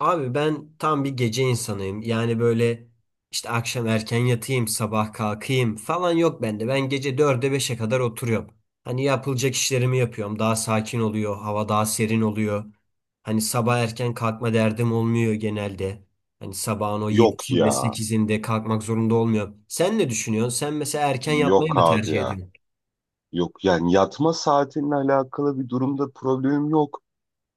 Abi ben tam bir gece insanıyım. Yani böyle işte akşam erken yatayım, sabah kalkayım falan yok bende. Ben gece dörde beşe kadar oturuyorum. Hani yapılacak işlerimi yapıyorum. Daha sakin oluyor, hava daha serin oluyor. Hani sabah erken kalkma derdim olmuyor genelde. Hani sabahın o Yok 7'sinde ya. sekizinde kalkmak zorunda olmuyorum. Sen ne düşünüyorsun? Sen mesela erken yatmayı Yok mı abi tercih ya. ediyorsun? Yok, yani yatma saatinle alakalı bir durumda problemim yok.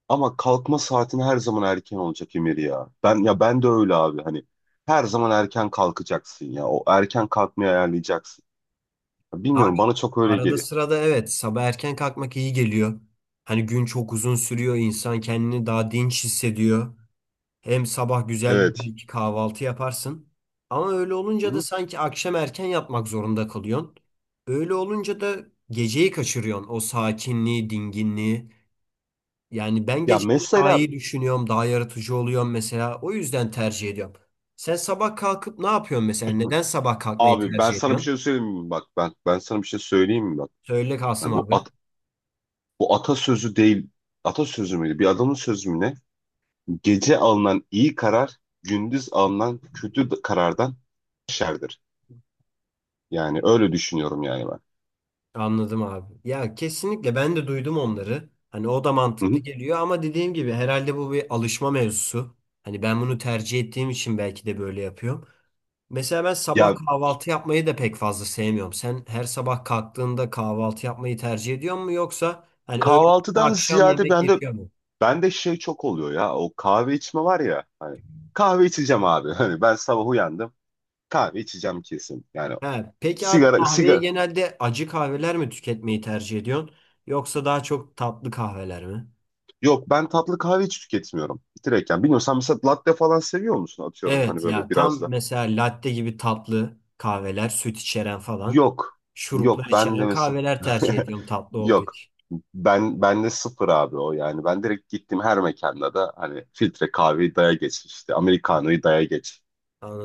Ama kalkma saatin her zaman erken olacak Emir ya. Ben de öyle abi, hani her zaman erken kalkacaksın ya. O erken kalkmayı ayarlayacaksın. Abi Bilmiyorum, bana çok öyle arada geliyor. sırada evet, sabah erken kalkmak iyi geliyor. Hani gün çok uzun sürüyor, insan kendini daha dinç hissediyor. Hem sabah güzel bir Evet. belki kahvaltı yaparsın. Ama öyle olunca da Hı? sanki akşam erken yapmak zorunda kalıyorsun. Öyle olunca da geceyi kaçırıyorsun. O sakinliği, dinginliği. Yani ben Ya geceleri daha mesela iyi düşünüyorum, daha yaratıcı oluyorum mesela. O yüzden tercih ediyorum. Sen sabah kalkıp ne yapıyorsun mesela? Neden sabah kalkmayı abi ben tercih sana bir ediyorsun? şey söyleyeyim mi, bak ben sana bir şey söyleyeyim mi, bak Söyle Kasım yani abi. Bu atasözü değil, atasözü müydü, bir adamın sözü mü ne. Gece alınan iyi karar, gündüz alınan kötü karardan şerdir. Yani öyle düşünüyorum yani ben. Anladım abi. Ya kesinlikle ben de duydum onları. Hani o da Hı mantıklı hı. geliyor ama dediğim gibi herhalde bu bir alışma mevzusu. Hani ben bunu tercih ettiğim için belki de böyle yapıyorum. Mesela ben sabah Ya kahvaltı yapmayı da pek fazla sevmiyorum. Sen her sabah kalktığında kahvaltı yapmayı tercih ediyor mu yoksa hani öğle ve kahvaltıdan akşam ziyade yemek bende yetiyor mu? bende şey çok oluyor ya. O kahve içme var ya, hani kahve içeceğim abi. Hani ben sabah uyandım. Kahve içeceğim kesin. Yani He, peki abi sigara kahveyi sigara genelde acı kahveler mi tüketmeyi tercih ediyorsun yoksa daha çok tatlı kahveler mi? yok, ben tatlı kahve hiç tüketmiyorum. Direkt. Yani bilmiyorum, sen mesela latte falan seviyor musun, atıyorum, hani Evet böyle ya, biraz tam da. mesela latte gibi tatlı kahveler, süt içeren falan, Yok. şuruplar Yok ben de içeren mesela kahveler tercih ediyorum tatlı olduğu yok. için. Ben de sıfır abi o, yani. Ben direkt gittim, her mekanda da hani filtre kahveyi daya geç işte. Americano'yu daya geç.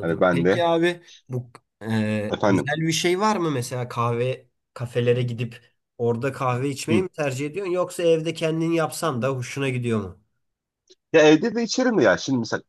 Hani ben Peki de. abi bu e, Efendim. özel bir şey var mı mesela kahve kafelere gidip orada kahve içmeyi Hı. mi tercih ediyorsun yoksa evde kendin yapsan da hoşuna gidiyor mu? Ya evde de içerim de ya. Şimdi mesela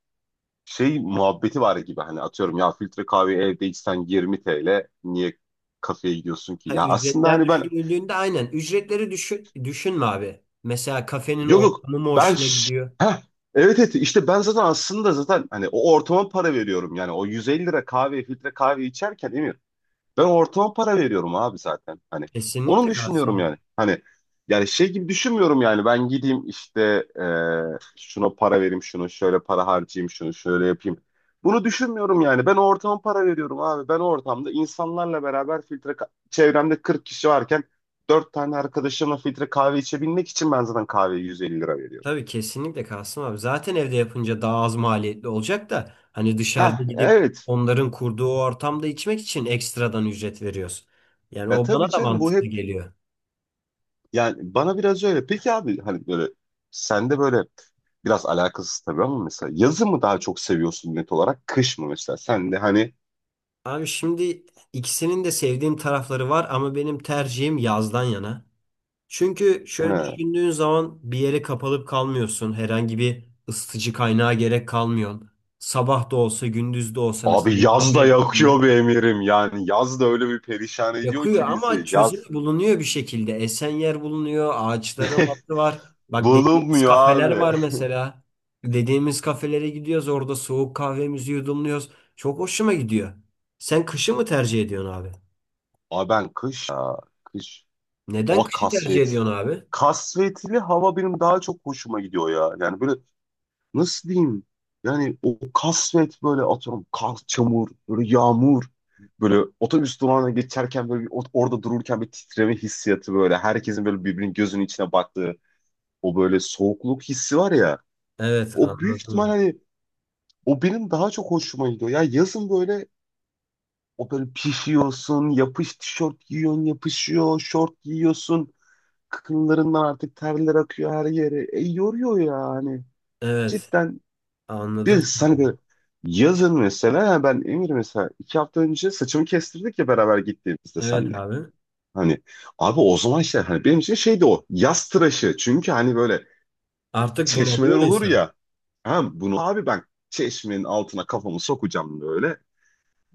şey muhabbeti var gibi, hani atıyorum ya, filtre kahve evde içsen 20 TL, niye kafeye gidiyorsun ki? Ha, Ya aslında ücretler hani ben. düşünüldüğünde aynen ücretleri düşünme abi. Mesela kafenin Yok yok, ortamı mı ben hoşuna gidiyor? heh, evet evet, işte ben zaten aslında zaten hani o ortama para veriyorum, yani o 150 lira kahve, filtre kahve içerken Emir, ben ortama para veriyorum abi zaten. Hani onu Kesinlikle kalsın düşünüyorum abi. yani. Hani yani şey gibi düşünmüyorum yani. Ben gideyim işte, e, şuna para vereyim, şunu şöyle para harcayayım, şunu şöyle yapayım. Bunu düşünmüyorum yani. Ben o ortama para veriyorum abi. Ben o ortamda insanlarla beraber çevremde 40 kişi varken 4 tane arkadaşımla filtre kahve içebilmek için ben zaten kahveye 150 lira veriyorum. Tabii kesinlikle Kasım abi. Zaten evde yapınca daha az maliyetli olacak da hani dışarıda Heh, gidip evet. onların kurduğu o ortamda içmek için ekstradan ücret veriyoruz. Yani Ya o tabii bana da canım, bu mantıklı hep. geliyor. Yani bana biraz öyle. Peki abi, hani böyle sende böyle, biraz alakasız tabii ama, mesela yazı mı daha çok seviyorsun net olarak, kış mı mesela? Sen de hani, Abi şimdi ikisinin de sevdiğim tarafları var ama benim tercihim yazdan yana. Çünkü he, şöyle düşündüğün zaman bir yere kapalıp kalmıyorsun. Herhangi bir ısıtıcı kaynağa gerek kalmıyor. Sabah da olsa gündüz de olsa mesela. abi yaz da yakıyor be Emir'im, yani yaz da öyle bir perişan ediyor Yakıyor ki ama bizi çözüm yaz. bulunuyor bir şekilde. Esen yer bulunuyor, ağaçların altı var. Bak, dediğimiz Bulunmuyor kafeler abi. var mesela. Dediğimiz kafelere gidiyoruz, orada soğuk kahvemizi yudumluyoruz. Çok hoşuma gidiyor. Sen kışı mı tercih ediyorsun abi? Abi ben kış ya, kış, Neden hava kışı tercih kasvet. ediyorsun abi? Kasvetli hava benim daha çok hoşuma gidiyor ya. Yani böyle, nasıl diyeyim? Yani o kasvet, böyle atıyorum kar, çamur, böyle yağmur. Böyle otobüs durağına geçerken böyle orada dururken bir titreme hissiyatı böyle. Herkesin böyle birbirinin gözünün içine baktığı o böyle soğukluk hissi var ya. Evet, O büyük ihtimal anladım. hani o benim daha çok hoşuma gidiyor. Ya yazın böyle, o böyle pişiyorsun, yapış tişört giyiyorsun, yapışıyor, şort giyiyorsun. Kıkınlarından artık terler akıyor her yere. E yoruyor ya hani. Evet, Cidden. anladım. Biz hani böyle yazın mesela, yani ben Emir, mesela 2 hafta önce saçımı kestirdik ya, beraber gittiğimizde Evet senle. abi. Hani abi o zaman işte, hani benim için şeydi o yaz tıraşı. Çünkü hani böyle Artık çeşmeler bunalıyor olur insan. ya. Ha bunu abi, ben çeşmenin altına kafamı sokacağım böyle.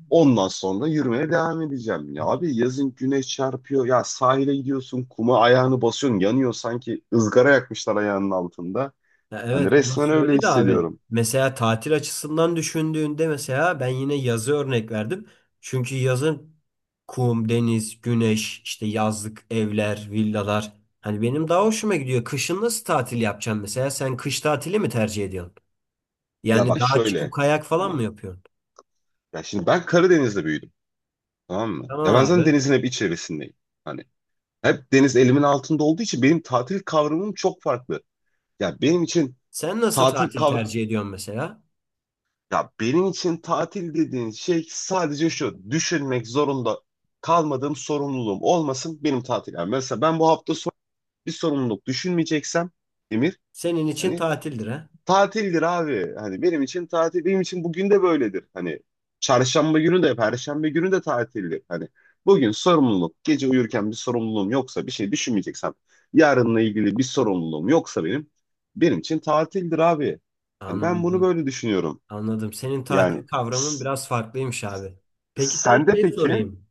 Ondan sonra yürümeye devam edeceğim. Ya abi, yazın güneş çarpıyor. Ya sahile gidiyorsun, kuma ayağını basıyorsun, yanıyor, sanki ızgara yakmışlar ayağının altında. Ya evet, Hani resmen orası öyle öyle de abi. hissediyorum. Mesela tatil açısından düşündüğünde, mesela ben yine yazı örnek verdim. Çünkü yazın kum, deniz, güneş, işte yazlık evler, villalar. Hani benim daha hoşuma gidiyor. Kışın nasıl tatil yapacaksın mesela? Sen kış tatili mi tercih ediyorsun? Ya Yani bak dağa çıkıp şöyle, kayak falan hani mı yapıyorsun? ya şimdi ben Karadeniz'de büyüdüm. Tamam mı? Ya Tamam ben zaten abi. denizin hep içerisindeyim. Hani hep deniz elimin altında olduğu için benim tatil kavramım çok farklı. Ya benim için Sen nasıl tatil tatil kavr tercih ediyorsun mesela? ya benim için tatil dediğin şey, sadece şu: düşünmek zorunda kalmadığım, sorumluluğum olmasın, benim tatil. Yani mesela ben bu hafta son, bir sorumluluk düşünmeyeceksem Emir, Senin için hani tatildir ha? tatildir abi. Hani benim için tatil, benim için bugün de böyledir. Hani çarşamba günü de, perşembe günü de tatildir. Hani bugün sorumluluk, gece uyurken bir sorumluluğum yoksa, bir şey düşünmeyeceksem, yarınla ilgili bir sorumluluğum yoksa benim için tatildir abi. Hani ben bunu Anladım. böyle düşünüyorum. Anladım. Senin Yani. tatil kavramın s- biraz farklıymış abi. Peki sana Sende şey peki? sorayım.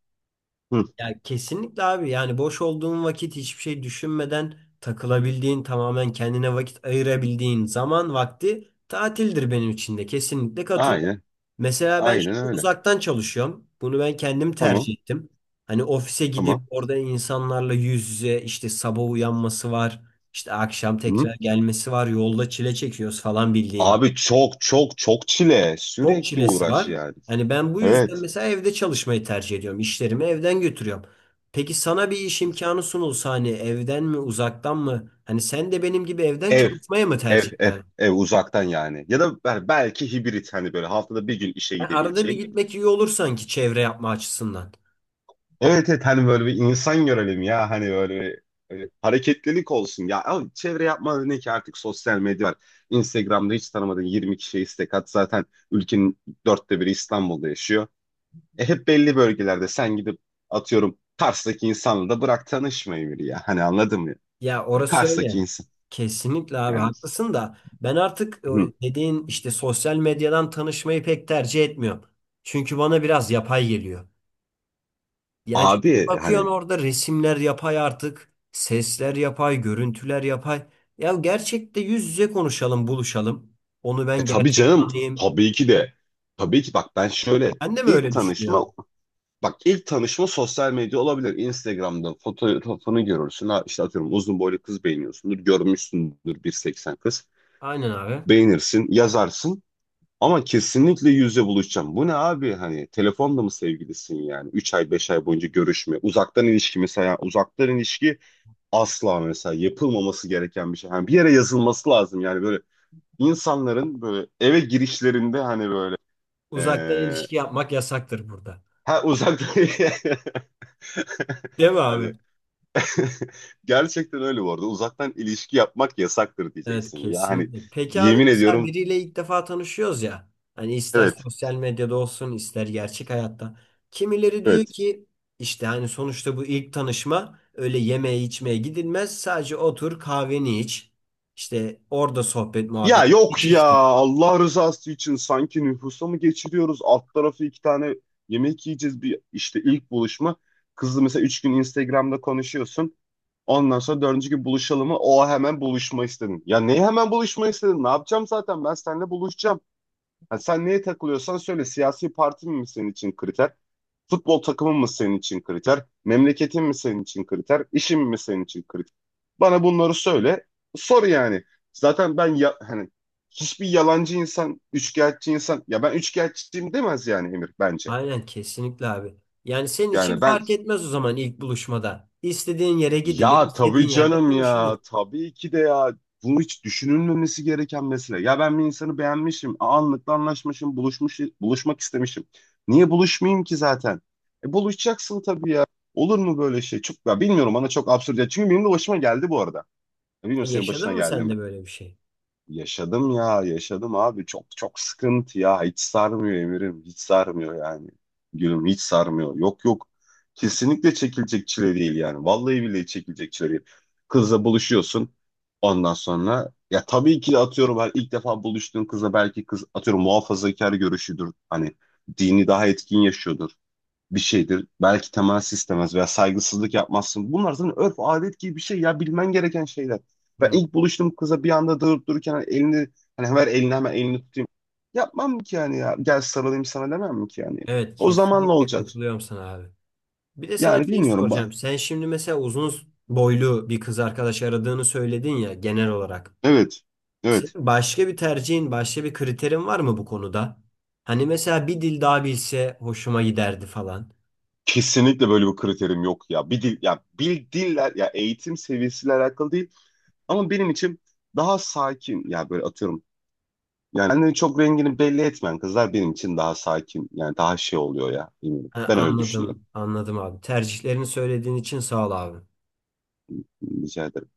Hı, Ya kesinlikle abi, yani boş olduğun vakit hiçbir şey düşünmeden takılabildiğin, tamamen kendine vakit ayırabildiğin zaman vakti tatildir benim için de, kesinlikle katıl. aynen, Mesela ben aynen şimdi öyle. uzaktan çalışıyorum. Bunu ben kendim Tamam, tercih ettim. Hani ofise gidip tamam. orada insanlarla yüz yüze işte sabah uyanması var. İşte akşam Hı. tekrar gelmesi var. Yolda çile çekiyoruz falan bildiğin gibi. Abi çok çok çok çile. Çok Sürekli çilesi uğraş var. yani. Hani ben bu yüzden Evet. mesela evde çalışmayı tercih ediyorum. İşlerimi evden götürüyorum. Peki sana bir iş imkanı sunulsa hani evden mi, uzaktan mı? Hani sen de benim gibi evden Ev, çalışmaya mı ev, tercih ev, ederdin? ev uzaktan yani. Ya da belki hibrit, hani böyle haftada bir gün işe Yani arada bir gidebileceğim. gitmek iyi olur sanki çevre yapma açısından. Evet evet, hani böyle bir insan görelim ya, hani böyle bir, böyle hareketlilik olsun ya. Ama çevre yapma ne ki, artık sosyal medya var. Instagram'da hiç tanımadığın 20 kişiye istek at. Zaten ülkenin 1/4'ü İstanbul'da yaşıyor. E hep belli bölgelerde sen, gidip atıyorum Kars'taki insanla da bırak tanışmayı, biri ya. Hani anladın mı? Ya Hani orası Kars'taki öyle. insan. Kesinlikle abi Yani. haklısın da ben artık o Hı. dediğin işte sosyal medyadan tanışmayı pek tercih etmiyorum. Çünkü bana biraz yapay geliyor. Yani çünkü Abi bakıyorsun hani. orada resimler yapay artık, sesler yapay, görüntüler yapay. Ya gerçekte yüz yüze konuşalım, buluşalım. Onu E ben tabii gerçek canım. tanıyayım. Tabii ki de. Tabii ki bak ben şöyle, Ben de mi ilk öyle tanışma, düşünüyorum? bak ilk tanışma sosyal medya olabilir. Instagram'da fotoğrafını görürsün. Ha, işte atıyorum uzun boylu kız beğeniyorsundur. Görmüşsündür, 1,80 kız. Aynen abi. Beğenirsin, yazarsın. Ama kesinlikle yüzle buluşacağım. Bu ne abi, hani telefonda mı sevgilisin yani? 3 ay 5 ay boyunca görüşme. Uzaktan ilişki, mesela uzaktan ilişki asla mesela yapılmaması gereken bir şey. Yani bir yere yazılması lazım, yani böyle insanların böyle eve girişlerinde hani böyle, Uzaktan ee, ilişki yapmak yasaktır burada. ha, uzaktan Değil mi abi? hani gerçekten öyle bu arada. Uzaktan ilişki yapmak yasaktır Evet, diyeceksin ya. Hani kesinlikle. Peki abi yemin mesela ediyorum. biriyle ilk defa tanışıyoruz ya. Hani ister Evet sosyal medyada olsun ister gerçek hayatta. Kimileri diyor evet. ki işte hani sonuçta bu ilk tanışma öyle yemeğe içmeye gidilmez. Sadece otur kahveni iç. İşte orada sohbet muhabbet Ya yok iç ya, işte. Allah rızası için sanki nüfusa mı geçiriyoruz? Alt tarafı iki tane yemek yiyeceğiz, bir işte ilk buluşma. Kızla mesela 3 gün Instagram'da konuşuyorsun. Ondan sonra dördüncü gün buluşalım mı? O, hemen buluşma istedin. Ya neyi hemen buluşma istedin? Ne yapacağım zaten? Ben seninle buluşacağım. Ha, sen neye takılıyorsan söyle. Siyasi partin mi senin için kriter? Futbol takımın mı senin için kriter? Memleketin mi senin için kriter? İşin mi senin için kriter? Bana bunları söyle. Sor yani. Zaten ben ya, hani hiçbir yalancı insan, üçkağıtçı insan ya ben üçkağıtçıyım demez yani Emir, bence. Aynen, kesinlikle abi. Yani senin için Yani ben. fark etmez o zaman ilk buluşmada. İstediğin yere gidilir, Ya istediğin tabii yerde canım konuşulur. ya. Tabii ki de ya. Bunu hiç düşünülmemesi gereken mesele. Ya ben bir insanı beğenmişim. Anlıkla anlaşmışım. Buluşmak istemişim. Niye buluşmayayım ki zaten? E, buluşacaksın tabii ya. Olur mu böyle şey? Çok, ya bilmiyorum, bana çok absürt. Ya çünkü benim de başıma geldi bu arada. Ya bilmiyorum, senin Yaşadın başına mı geldi sen mi? de böyle bir şey? Yaşadım ya, yaşadım abi. Çok çok sıkıntı ya. Hiç sarmıyor Emir'im. Hiç sarmıyor yani. Gülüm hiç sarmıyor. Yok yok. Kesinlikle çekilecek çile değil yani. Vallahi billahi çekilecek çile değil. Kızla buluşuyorsun. Ondan sonra ya tabii ki de, atıyorum ben ilk defa buluştuğun kızla, belki kız atıyorum muhafazakar görüşüdür. Hani dini daha etkin yaşıyordur, bir şeydir. Belki temas istemez veya saygısızlık yapmazsın. Bunlar zaten örf adet gibi bir şey ya, bilmen gereken şeyler. Ben Hı. ilk buluştuğum kıza bir anda durup dururken hani elini, hani ver elini hemen, elini tutayım. Yapmam ki yani ya. Gel sarılayım sana demem mi ki yani. Evet, O zamanla kesinlikle olacak. katılıyorum sana abi. Bir de sana Yani şey bilmiyorum. Soracağım. Sen şimdi mesela uzun boylu bir kız arkadaş aradığını söyledin ya genel olarak. Evet. Evet. Senin başka bir tercihin, başka bir kriterin var mı bu konuda? Hani mesela bir dil daha bilse hoşuma giderdi falan. Kesinlikle böyle bir kriterim yok ya. Bir dil ya, bir diller ya, eğitim seviyesiyle alakalı değil ama benim için daha sakin ya, böyle atıyorum. Yani kendini çok rengini belli etmeyen kızlar benim için daha sakin. Yani daha şey oluyor ya. Bilmiyorum. Ha, Ben öyle düşünüyorum. anladım, anladım abi. Tercihlerini söylediğin için sağ ol abi. Rica ederim.